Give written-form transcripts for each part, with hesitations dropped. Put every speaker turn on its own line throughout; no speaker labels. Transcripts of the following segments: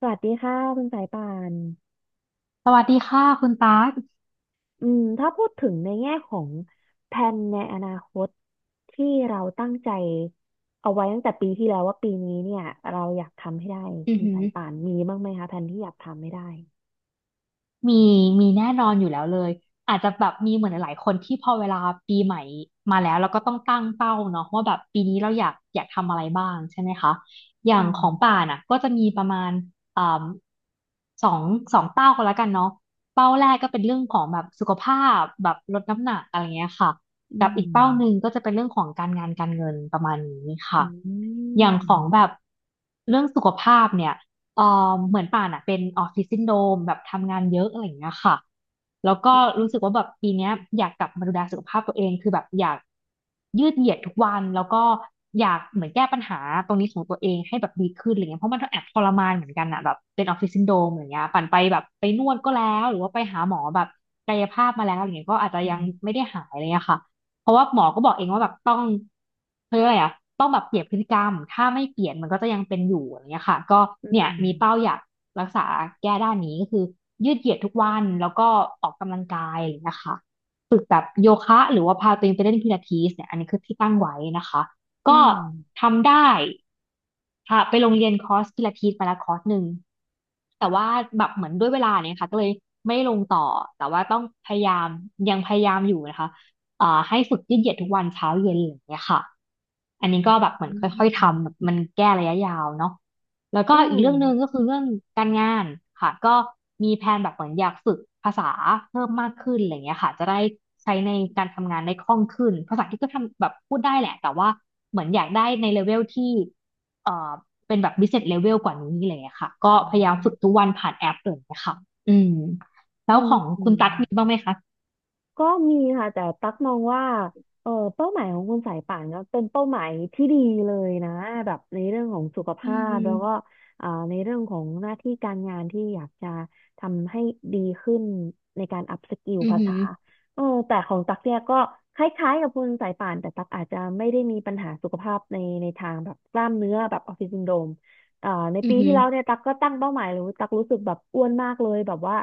สวัสดีค่ะคุณสายป่าน
สวัสดีค่ะคุณตาร์ก
อืมถ้าพูดถึงในแง่ของแผนในอนาคตที่เราตั้งใจเอาไว้ตั้งแต่ปีที่แล้วว่าปีนี้เนี่ยเราอยากทำให้ได้
อือ
คุณ
หื
สา
อ
ยป่านมีบ้างไหมคะแผนที่อยากทำให้ได้
มีมีแน่นอนอยู่แล้วเลยอาจจะแบบมีเหมือนหลายๆคนที่พอเวลาปีใหม่มาแล้วเราก็ต้องตั้งเป้าเนาะว่าแบบปีนี้เราอยากทำอะไรบ้างใช่ไหมคะอย่า
อื
งข
ม
องป่านอ่ะก็จะมีประมาณอ่าสองสองเป้าก็แล้วกันเนาะเป้าแรกก็เป็นเรื่องของแบบสุขภาพแบบลดน้ำหนักอะไรเงี้ยค่ะ
อื
กับอีกเป้าหนึ่ง
ม
ก็จะเป็นเรื่องของการงานการเงินประมาณนี้ค่ะ
อื
อย่างของแบ
ม
บเรื่องสุขภาพเนี่ย เอ่อเหมือนป่านอ่ะเป็นออฟฟิศซินโดรมแบบทำงานเยอะอะไรอย่างเงี้ยค่ะแล้วก็รู้สึกว่าแบบปีเนี้ยอยากกลับมาดูแลสุขภาพตัวเองคือแบบอยากยืดเหยียดทุกวันแล้วก็อยากเหมือนแก้ปัญหาตรงนี้ของตัวเองให้แบบดีขึ้นอะไรเงี้ยเพราะมันก็แอบทรมานเหมือนกันอ่ะแบบเป็นออฟฟิศซินโดรมอะไรเงี้ยป่านไปแบบไปนวดก็แล้วหรือว่าไปหาหมอแบบกายภาพมาแล้วอะไรเงี้ยก็อาจจะ
อื
ยัง
ม
ไม่ได้หายอะไรเลยอะค่ะ เพราะว่าหมอก็บอกเองว่าแบบต้องเขาเรียกอะไรอะต้องแบบเปลี่ยนพฤติกรรมถ้าไม่เปลี่ยนมันก็จะยังเป็นอยู่อะไรเงี้ยค่ะก็
อ
เนี่ย
ืม
มีเป้าอยากรักษาแก้ด้านนี้ก็คือยืดเหยียดทุกวันแล้วก็ออกกำลังกายอะไรเลยนะคะ โยคะหรือว่าพาตัวเองไปเล่นพิลาทิสเนี่ยอันนี้คือที่ตั้งไว้นะคะ
อื
ก็
ม
ทำได้ค่ะไปโรงเรียนคอร์สพิลาทิสไปแล้วคอร์สหนึ่งแต่ว่าแบบเหมือนด้วยเวลาเนี่ยค่ะก็เลยไม่ลงต่อแต่ว่าต้องพยายามยังพยายามอยู่นะคะให้ฝึกยืดเหยียดทุกวันเช้าเย็นออย่างเงี้ยค่ะอันนี้ก็แบบเหมือ
อื
น
ม
ค่อยๆ
อืม
ทำแบบมันแก้ระยะยาวเนาะ แล้วก็
อื
อีกเรื่องหนึ่งก็คือเรื่องการงานค่ะก็มีแผนแบบเหมือนอยากฝึกภาษาเพิ่มมากขึ้นอะไรเงี้ยค่ะจะได้ใช้ในการทำงานได้คล่องขึ้นภาษาที่ก็ทำแบบพูดได้แหละแต่ว่าเหมือนอยากได้ในเลเวลที่เอ่อเป็นแบบ business level กว่านี้อะไรเงี้ยค่ะก็พยายามฝึกทุกวันผ่านแอปเลยนะคะอืมแล้ว
ม
ของ
อื
คุณ
ม
ตั๊กมีบ้างไหมคะ
ก็มีค่ะแต่ตักมองว่าเออเป้าหมายของคุณสายป่านก็เป็นเป้าหมายที่ดีเลยนะแบบในเรื่องของสุข
อื
ภาพแล้วก็
ม
ในเรื่องของหน้าที่การงานที่อยากจะทำให้ดีขึ้นในการอัพสกิล
อือ
ภา
หื
ษา
อ
เออแต่ของตักเนี่ยก็คล้ายๆกับคุณสายป่านแต่ตักอาจจะไม่ได้มีปัญหาสุขภาพในทางแบบกล้ามเนื้อแบบออฟฟิศซินโดรมใน
อื
ปี
อหื
ที่
อ
แล้วเนี่ยตักก็ตั้งเป้าหมายเลยตักรู้สึกแบบอ้วนมากเลยแบบว่า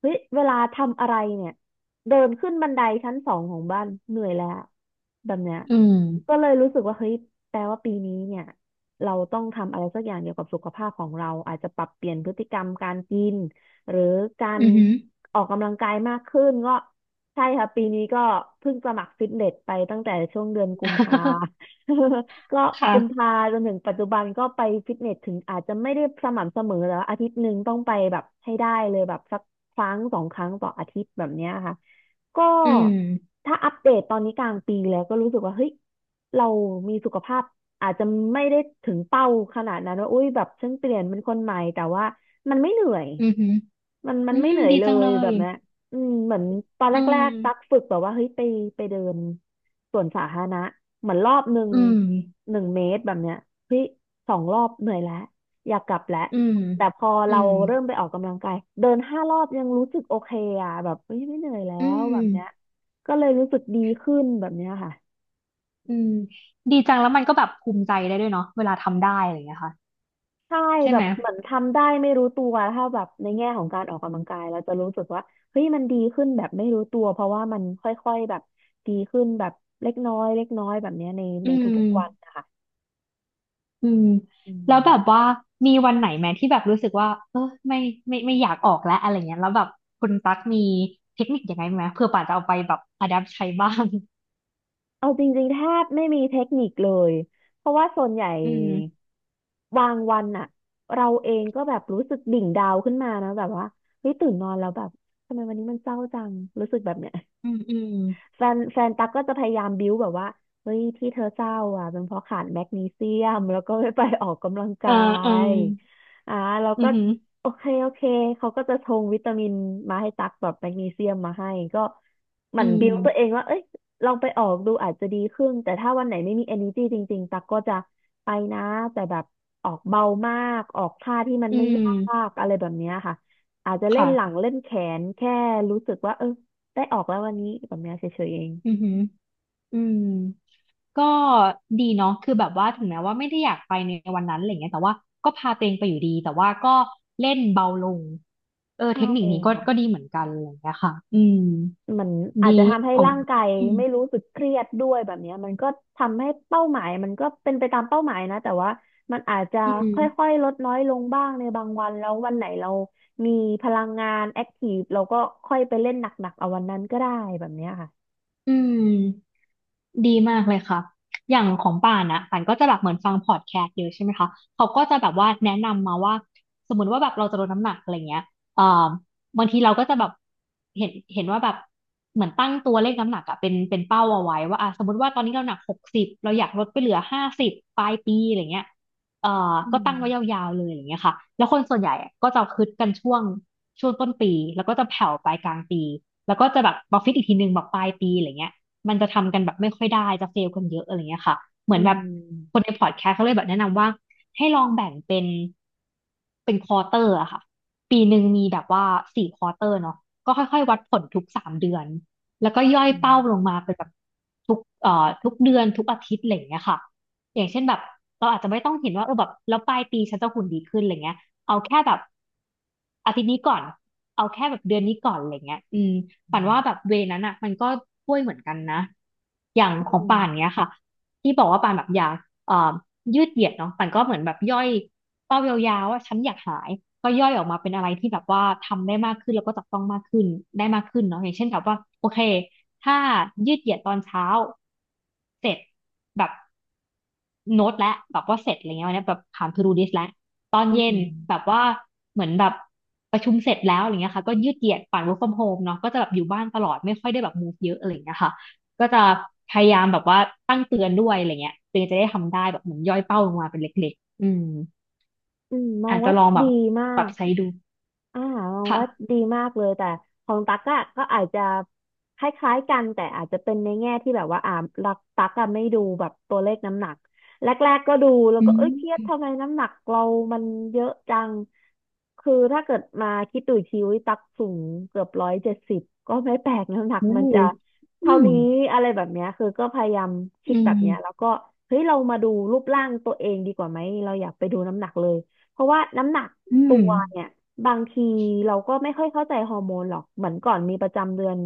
เฮ้ยเวลาทำอะไรเนี่ย เดินขึ้นบันไดชั้น 2ของบ้านเหนื่อยแล้วแบบเนี้ย
อืม
ก็เลยรู้สึกว่าเฮ้ยแปลว่าปีนี้เนี่ยเราต้องทำอะไรสักอย่างเกี่ยวกับสุขภาพของเราอาจจะปรับเปลี่ยนพฤติกรรมการกินหรือการ
อือหือ
ออกกำลังกายมากขึ้นก็ใช่ค่ะปีนี้ก็เพิ่งสมัครฟิตเนสไปตั้งแต่ช่วงเดือนกุมภา ก็กุม
ค่ะ
ภาจนถึงปัจจุบันก็ไปฟิตเนสถึงอาจจะไม่ได้สม่ำเสมอแล้วาอาทิตย์หนึ่งต้องไปแบบให้ได้เลยแบบสักครั้งสองครั้งต่ออาทิตย์แบบเนี้ยค่ะ ก็
อืม
ถ้าอัปเดตตอนนี้กลางปีแล้วก็รู้สึกว่าเฮ้ยเรามีสุขภาพอาจจะไม่ได้ถึงเป้าขนาดนั้นว่าอุ้ยแบบฉันเปลี่ยนเป็นคนใหม่แต่ว่ามันไม่เหนื่อย
อือหือ
มันมั
อื
นไม่
ม
เหนื่อย
ดี
เล
จัง
ย
เล
แบ
ย
บเนี้ยอืมเหมือนตอน
อื
แรกๆตัก
ม
ฝึกแบบว่าเฮ้ยไปเดินสวนสาธารณะเหมือนรอบหนึ่ง
อืม
1 เมตรแบบเนี้ยเฮ้ย2 รอบเหนื่อยแล้ว อยากกลับแหละ
อืม
แต่พอ
อื
เรา
ม
เริ่มไปออกกำลังกายเดิน5 รอบยังรู้สึกโอเคอ่ะแบบเฮ้ยไม่เหนื่อยแล้
อื
วแบบเนี้ย
ม
ก็เลยรู้สึกดีขึ้นแบบเนี้ยค่ะ
อืมดีจังแล้วมันก็แบบภูมิใจได้ด้วยเนาะเวลาทำได้อะไรอย่างเงี้ยค่ะ
ใช่
ใช่
แบ
ไหม
บเหมือนทำได้ไม่รู้ตัวถ้าแบบในแง่ของการออกกำลังกายเราจะรู้สึกว่าเฮ้ยมันดีขึ้นแบบไม่รู้ตัวเพราะว่ามันค่อยๆแบบดีขึ้นแบบเล็กน้อยเล็กน้อยแบบเนี้ยใน
อื
ใน
ม
ทุกๆวันนะคะ
อืม
อื
แล้
ม
วแบบว่ามีวันไหนไหมที่แบบรู้สึกว่าเออไม่ไม่ไม่อยากออกแล้วอะไรเงี้ยแล้วแบบคุณตั๊กมีเทคนิคยังไงไหมเผื่อป่าจะเอาไปแบบอ d ดั t ใช้บ้าง
เอาจริงๆแทบไม่มีเทคนิคเลยเพราะว่าส่วนใหญ่
อืม
บางวันอะเราเองก็แบบรู้สึกดิ่งดาวขึ้นมานะแบบว่าเฮ้ยตื่นนอนแล้วแบบทำไมวันนี้มันเศร้าจังรู้สึกแบบเนี้ย
อืมอืม
แฟนตั๊กก็จะพยายามบิ้วแบบว่าเฮ้ยที่เธอเศร้าอ่ะเป็นเพราะขาดแมกนีเซียมแล้วก็ไม่ไปออกกำลัง
เอ
กา
อเออ
ยอ่าเรา
อื
ก็
อหือ
โอเคโอเคเขาก็จะชงวิตามินมาให้ตักแบบแมกนีเซียมมาให้ก็ห
อื
มั่นบิ้วตัวเอ
ม
งว่าเอ้ยลองไปออกดูอาจจะดีขึ้นแต่ถ้าวันไหนไม่มี energy จริงๆตักก็จะไปนะแต่แบบออกเบามากออกท่าที่มัน
อื
ไม่ยา
ม
กอะไรแบบเนี้ยค่ะอาจจะเล่นหลัง
ค่ะ
เล่นแขนแค่รู้สึกว่าเออ ได้ออกแล้ววันนี้แบบเนี้ยเฉยๆเอง
อือหืออืม ก็ดีเนาะคือแบบว่าถึงแม้ว่าไม่ได้อยากไปในวันนั้นอะไรเงี้ยแต่ว่าก็พาตัวเองไปอยู่ดี แต่ว่าก็เล่นเบาลงเออเท
ใช่
คนิคนี้ก็
ค่ะ
ก็ดีเหมือนกันอะไรเงี้ยค่ะอืม
มันอาจ
ดี
จะทำให้
ของ
ร่างกาย
อืม
ไม่รู้สึกเครียดด้วยแบบเนี้ยมันก็ทำให้เป้าหมายมันก็เป็นไปตามเป้าหมายนะแต่ว่ามันอาจจะ
อื
ค
ม
่อยๆลดน้อยลงบ้างในบางวันแล้ววันไหนเรามีพลังงานแอคทีฟเราก็ค่อยไปเล่นหนักๆเอาวันนั้นก็ได้แบบเนี้ยค่ะ
อืม ดีมากเลยค่ะอย่างของป่านนะป่านก็จะแบบเหมือนฟังพอดแคสต์เยอะใช่ไหมคะ เขาก็จะแบบว่าแนะนำมาว่าสมมติว่าแบบเราจะลดน้ำหนักอะไรเงี้ยเอ่อบางทีเราก็จะแบบเห็นว่าแบบเหมือนตั้งตัวเลขน้ำหนักอะเป็นเป้าเอาไว้ว่าอ่ะสมมติว่าตอนนี้เราหนัก60เราอยากลดไปเหลือ50ปลายปีอะไรเงี้ยเอ่อ
อื
ก็
ม
ตั้งไว้ยาวๆเลยอย่างเงี้ยค่ะแล้วคนส่วนใหญ่อะก็จะคึดกันช่วงต้นปีแล้วก็จะแผ่วไปกลางปีแล้วก็จะแบบมาฟิตอีกทีนึงแบบปลายปีอะไรเงี้ย มันจะทำกันแบบไม่ค่อยได้จะเฟลกันเยอะอะไรเงี้ยค่ะเหมื
อื
อนแบบคน
ม
ในพอดแคสต์เขาเลยแบบแนะนำว่าให้ลองแบ่งเป็นเป็นควอเตอร์อะค่ะปีหนึ่งมีแบบว่า4 ควอเตอร์เนาะก็ค่อยๆวัดผลทุก3 เดือนแล้วก็ย่อย
อื
เป้าลง
ม
มาเป็นแบบทุกเดือนทุกอาทิตย์อะไรอย่างเงี้ยค่ะอย่างเช่นแบบเราอาจจะไม่ต้องเห็นว่าเออแบบแล้วปลายปีฉันจะหุ่นดีขึ้นอะไรเงี้ยเอาแค่แบบอาทิตย์นี้ก่อนเอาแค่แบบเดือนนี้ก่อนอะไรเงี้ยอืม
อื
ฝันว่าแบบ
ม
เวนั้นอ่ะมันก็ช่วยเหมือนกันนะ อย่าง
อื
ของ
ม
ป่านเนี้ยค่ะที่บอกว่าป่านแบบอยากเอ่อยืดเหยียดเนาะป่านก็เหมือนแบบย่อยเป้ายาวๆว่าฉันอยากหายก็ย่อยออกมาเป็นอะไรที่แบบว่าทำได้มากขึ้นแล้วก็จับต้องมากขึ้นได้มากขึ้นเนาะอย่างเช่นแบบว่าโอเคถ้ายืดเหยียดตอนเช้าเสร็จแบบโน้ตและแบบว่าเสร็จอะไรเงี้ยวันนี้แบบผ่าน to do list แล้วตอน
อื
เย็น
ม
แบบว่าเหมือนแบบประชุมเสร็จแล้วอะไรเงี้ยค่ะก็ยืดเหยียดปั่น work from home เนาะก็จะแบบอยู่บ้านตลอดไม่ค่อยได้แบบ move เยอะอะไรเงี้ยค่ะ ก็จะพยายามแบบว่าตั้งเตือนด้วยอะไรเงี้ยตัวเองจะได้ทำได้แบบเหมือนย่อยเป้าลงมาเป็นเล็กๆอืม
มอ
อา
ง
จจะ
ว่า
ลองแบบ
ดีมา
ปรับ
ก
ใช้ดู
อ่ามอง
ค่ะ
ว่าดีมากเลยแต่ของตั๊กอะก็อาจจะคล้ายๆกันแต่อาจจะเป็นในแง่ที่แบบว่ารักตั๊กอะไม่ดูแบบตัวเลขน้ำหนักแรกๆก็ดูแล้ว
อื
ก็เอ้ยเครียด
ม
ทำไมน้ำหนักเรามันเยอะจังคือถ้าเกิดมาคิดดูอีกทีวิตั๊กสูงเกือบ170ก็ไม่แปลกน้ำหนัก
โอ้
มันจะ
อื
เท่า
ม
นี้อะไรแบบเนี้ยคือก็พยายามคิ
อื
ดแบ
ม
บเนี้ยแล้วก็เฮ้ยเรามาดูรูปร่างตัวเองดีกว่าไหมเราอยากไปดูน้ำหนักเลยเพราะว่าน้ำหนัก
อื
ตั
ม
วเนี่ยบางทีเราก็ไม่ค่อยเข้าใจฮอร์โมนหรอกเหมือนก่อนมีประจำเดือน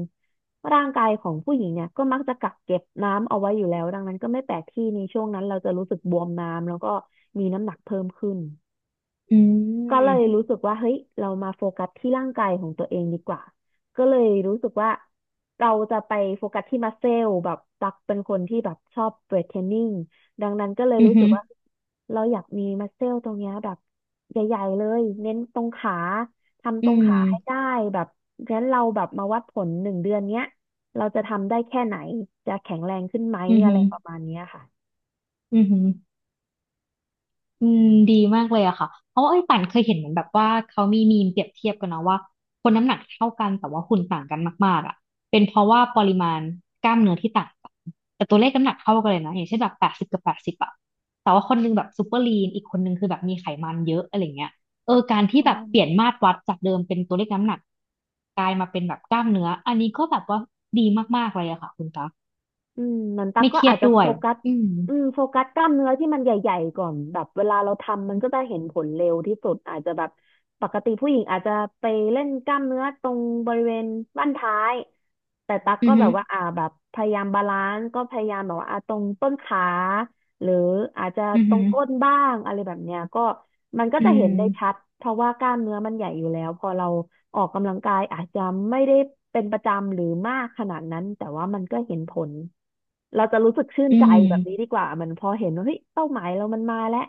ร่างกายของผู้หญิงเนี่ยก็มักจะกักเก็บน้ำเอาไว้อยู่แล้วดังนั้นก็ไม่แปลกที่ในช่วงนั้นเราจะรู้สึกบวมน้ำแล้วก็มีน้ำหนักเพิ่มขึ้น
อื
ก็เลย
ม
รู้สึกว่าเฮ้ยเรามาโฟกัสที่ร่างกายของตัวเองดีกว่าก็เลยรู้สึกว่าเราจะไปโฟกัสที่มัสเซลแบบตักเป็นคนที่แบบชอบเวทเทรนนิ่งดังนั้นก็เลย
อื
รู้สึกว่า
ม
เราอยากมีมัสเซลตรงเนี้ยแบบใหญ่ๆเลยเน้นตรงขาทำต
อื
รง
ม
ขาให้ได้แบบงั้นเราแบบมาวัดผล1 เดือนเนี้ยเราจะทำได้แค่ไหนจะแข็งแรงขึ้นไหม
อืม
อะ
อื
ไรประมาณเนี้ยค่ะ
มอืม อืมดีมากเลยอะค่ะเพราะว่าไอ้ยป่านเคยเห็นเหมือนแบบว่าเขามีมีมเปรียบเทียบกันเนาะว่าคนน้ำหนักเท่ากันแต่ว่าหุ่นต่างกันมากๆอะเป็นเพราะว่าปริมาณกล้ามเนื้อที่ต่างกันแต่ตัวเลขน้ำหนักเท่ากันเลยนะอย่างเช่นแบบแปดสิบกับแปดสิบอะแต่ว่าคนนึงแบบซูเปอร์ลีนอีกคนนึงคือแบบมีไขมันเยอะอะไรเงี้ยเออการที่แบบเปลี่ยนมาตรวัดจากเดิมเป็นตัวเลขน้ำหนักกลายมาเป็นแบบกล้ามเนื้ออันนี้ก็แบบว่าดีมากๆเลยอะค่ะคุณตา
อืมเหมือนตั๊ก
ไม่
ก็
เครีย
อา
ด
จจะ
ด้ว
โฟ
ย
กัส
อืม
อืมโฟกัสกล้ามเนื้อที่มันใหญ่ๆก่อน แบบเวลาเราทำมันก็จะเห็นผลเร็วที่สุด อาจจะแบบปกติผู้หญิงอาจจะไปเล่นกล้ามเนื้อตรงบริเวณบั้นท้าย แต่ตั๊ก
อื
ก็
อ
แบ
หื
บ
อ
ว่าแบบพยายามบาลานซ์ก็พยายามแบบว่าตรงต้นขา หรืออาจจะ
อือ
ตร
หื
ง
อ
ก้นบ้างอะไรแบบเนี้ยก็มันก็
อื
จะเห็
ม
นได้ชัดเพราะว่ากล้ามเนื้อมันใหญ่อยู่แล้วพอเราออกกำลังกายอาจจะไม่ได้เป็นประจำหรือมากขนาดนั้นแต่ว่ามันก็เห็นผลเราจะรู้สึกชื่น
อื
ใจ
ม
แบบนี้ดีกว่ามันพอเห็นว่าเฮ้ยเป้าหมายเรามันมาแล้ว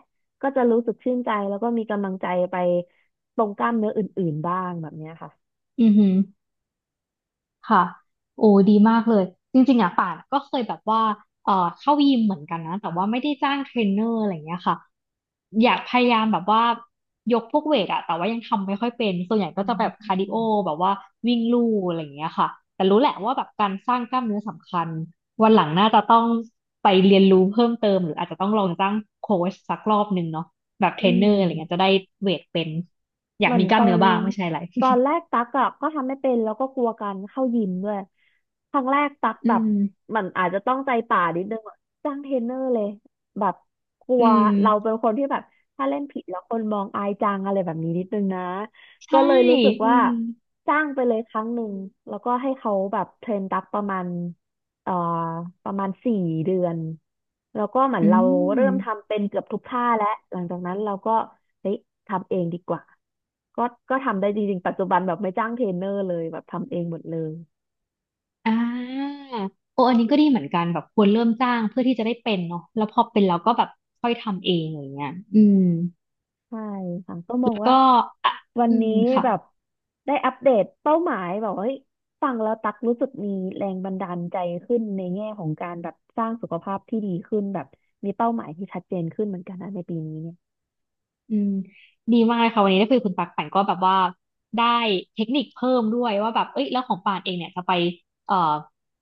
ก็จะรู้สึกชื่นใจแล้วก็มีกำลังใจไปตรงกล้ามเนื้ออื่นๆบ้างแบบเนี้ยค่ะ
อือหือค่ะ โอ้ดีมากเลย จริงๆอ่ะป่านก็เคยแบบว่าเอ่อเข้ายิมเหมือนกันนะแต่ว่าไม่ได้จ้างเทรนเนอร์อะไรอย่างเงี้ยค่ะอยากพยายามแบบว่า ยกพวกเวทอะแต่ว่ายังทำไม่ค่อยเป็น ส่วนใหญ่ก็จะแบบคาร์ดิโอแบบว่าวิ่งลู่อะไรอย่างเงี้ยค่ะ แต่รู้แหละว่าแบบการสร้างกล้ามเนื้อสำคัญ วันหลังน่าจะต้องไปเรียนรู้เพิ่มเติมหรืออาจจะต้องลองจ้างโค้ชสักรอบหนึ่งเนาะแบบเท
อื
รนเนอ
ม
ร์อะไรเงี้ยจะได้เวทเป็นอ
เห
ยาก
มือน
มีก
ต
ล้าม
อ
เนื้
น
อบ้างไม่ใช่อะไร
แรก ตักอะก็ทำไม่เป็นแล้วก็กลัวการเข้ายิมด้วยครั้งแรกตัก
อื
แบบ
ม
เหมันอาจจะต้องใจป่านิดนึงอะจ้างเทรนเนอร์เลยแบบกลั
อื
วเราเป็
ม
นคนที่แบบถ้าเล่นผิดแล้วคนมองอายจังอะไรแบบนี้นิดนึงนะก็
ใช่
เลยรู้สึก
อื
ว่า
ม
จ้างไปเลยครั้งหนึ่งแล้วก็ให้เขาแบบเทรนตักประมาณ เอ่อประมาณ4 เดือนแล้วก็เหมือน
อื
เราเริ่ม
ม
ทำเป็นเกือบทุกท่าแล้วหลังจากนั้นเราก็เฮ้ยทำเองดีกว่าก็ก็ทำได้จริงๆปัจจุบันแบบไม่จ้างเทรนเนอร์เลยแบบทำเองหมดเลย
อ่าโออันนี้ก็ดีเหมือนกันแบบควรเริ่มจ้างเพื่อที่จะได้เป็นเนาะแล้วพอเป็นแล้วก็แบบค่อยทำเองอย่างเงี้ยอืม
ใช่ค่ะก็มอง
แล้ว
ว่า
ก็อ่ะ
วัน
อื
นี้
ม
อืม
ค่ะ
แบบได้อัปเดตเป้าหมายแบบว่าเฮ้ยฟังแล้วตักรู้สึกมีแรงบันดาลใจขึ้นในแง่ของการแบบสร้างสุขภาพที่ดีขึ้นแบบมีเป้าหมายที่ชัดเจนขึ้นเหมือนกันนะในปีนี้
อืมดีมากเลยค่ะวันนี้ได้คุยกับคุณปักป่นก็แบบว่าได้เทคนิคเพิ่มด้วยว่าแบบเอ้ยแล้วของป่านเองเนี่ยจะไปเอ่อ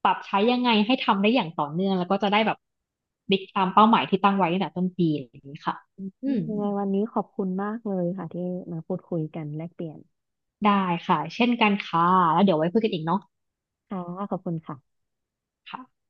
ปรับใช้ยังไงให้ทำได้อย่างต่อเนื่องแล้วก็จะได้แบบบิ๊กตามเป้าหมายที่ตั้งไว้ตั้งแต่ต้นปีอย่างนี้ค่ะอื
ยั
ม
งไงวันนี้ขอบคุณมากเลยค่ะที่มาพูดคุยกันแลกเปลี่ยน
ได้ค่ะเช่นกันค่ะแล้วเดี๋ยวไว้คุยกันอีกเนาะ
ค่ะขอบคุณค่ะ
ค่ะ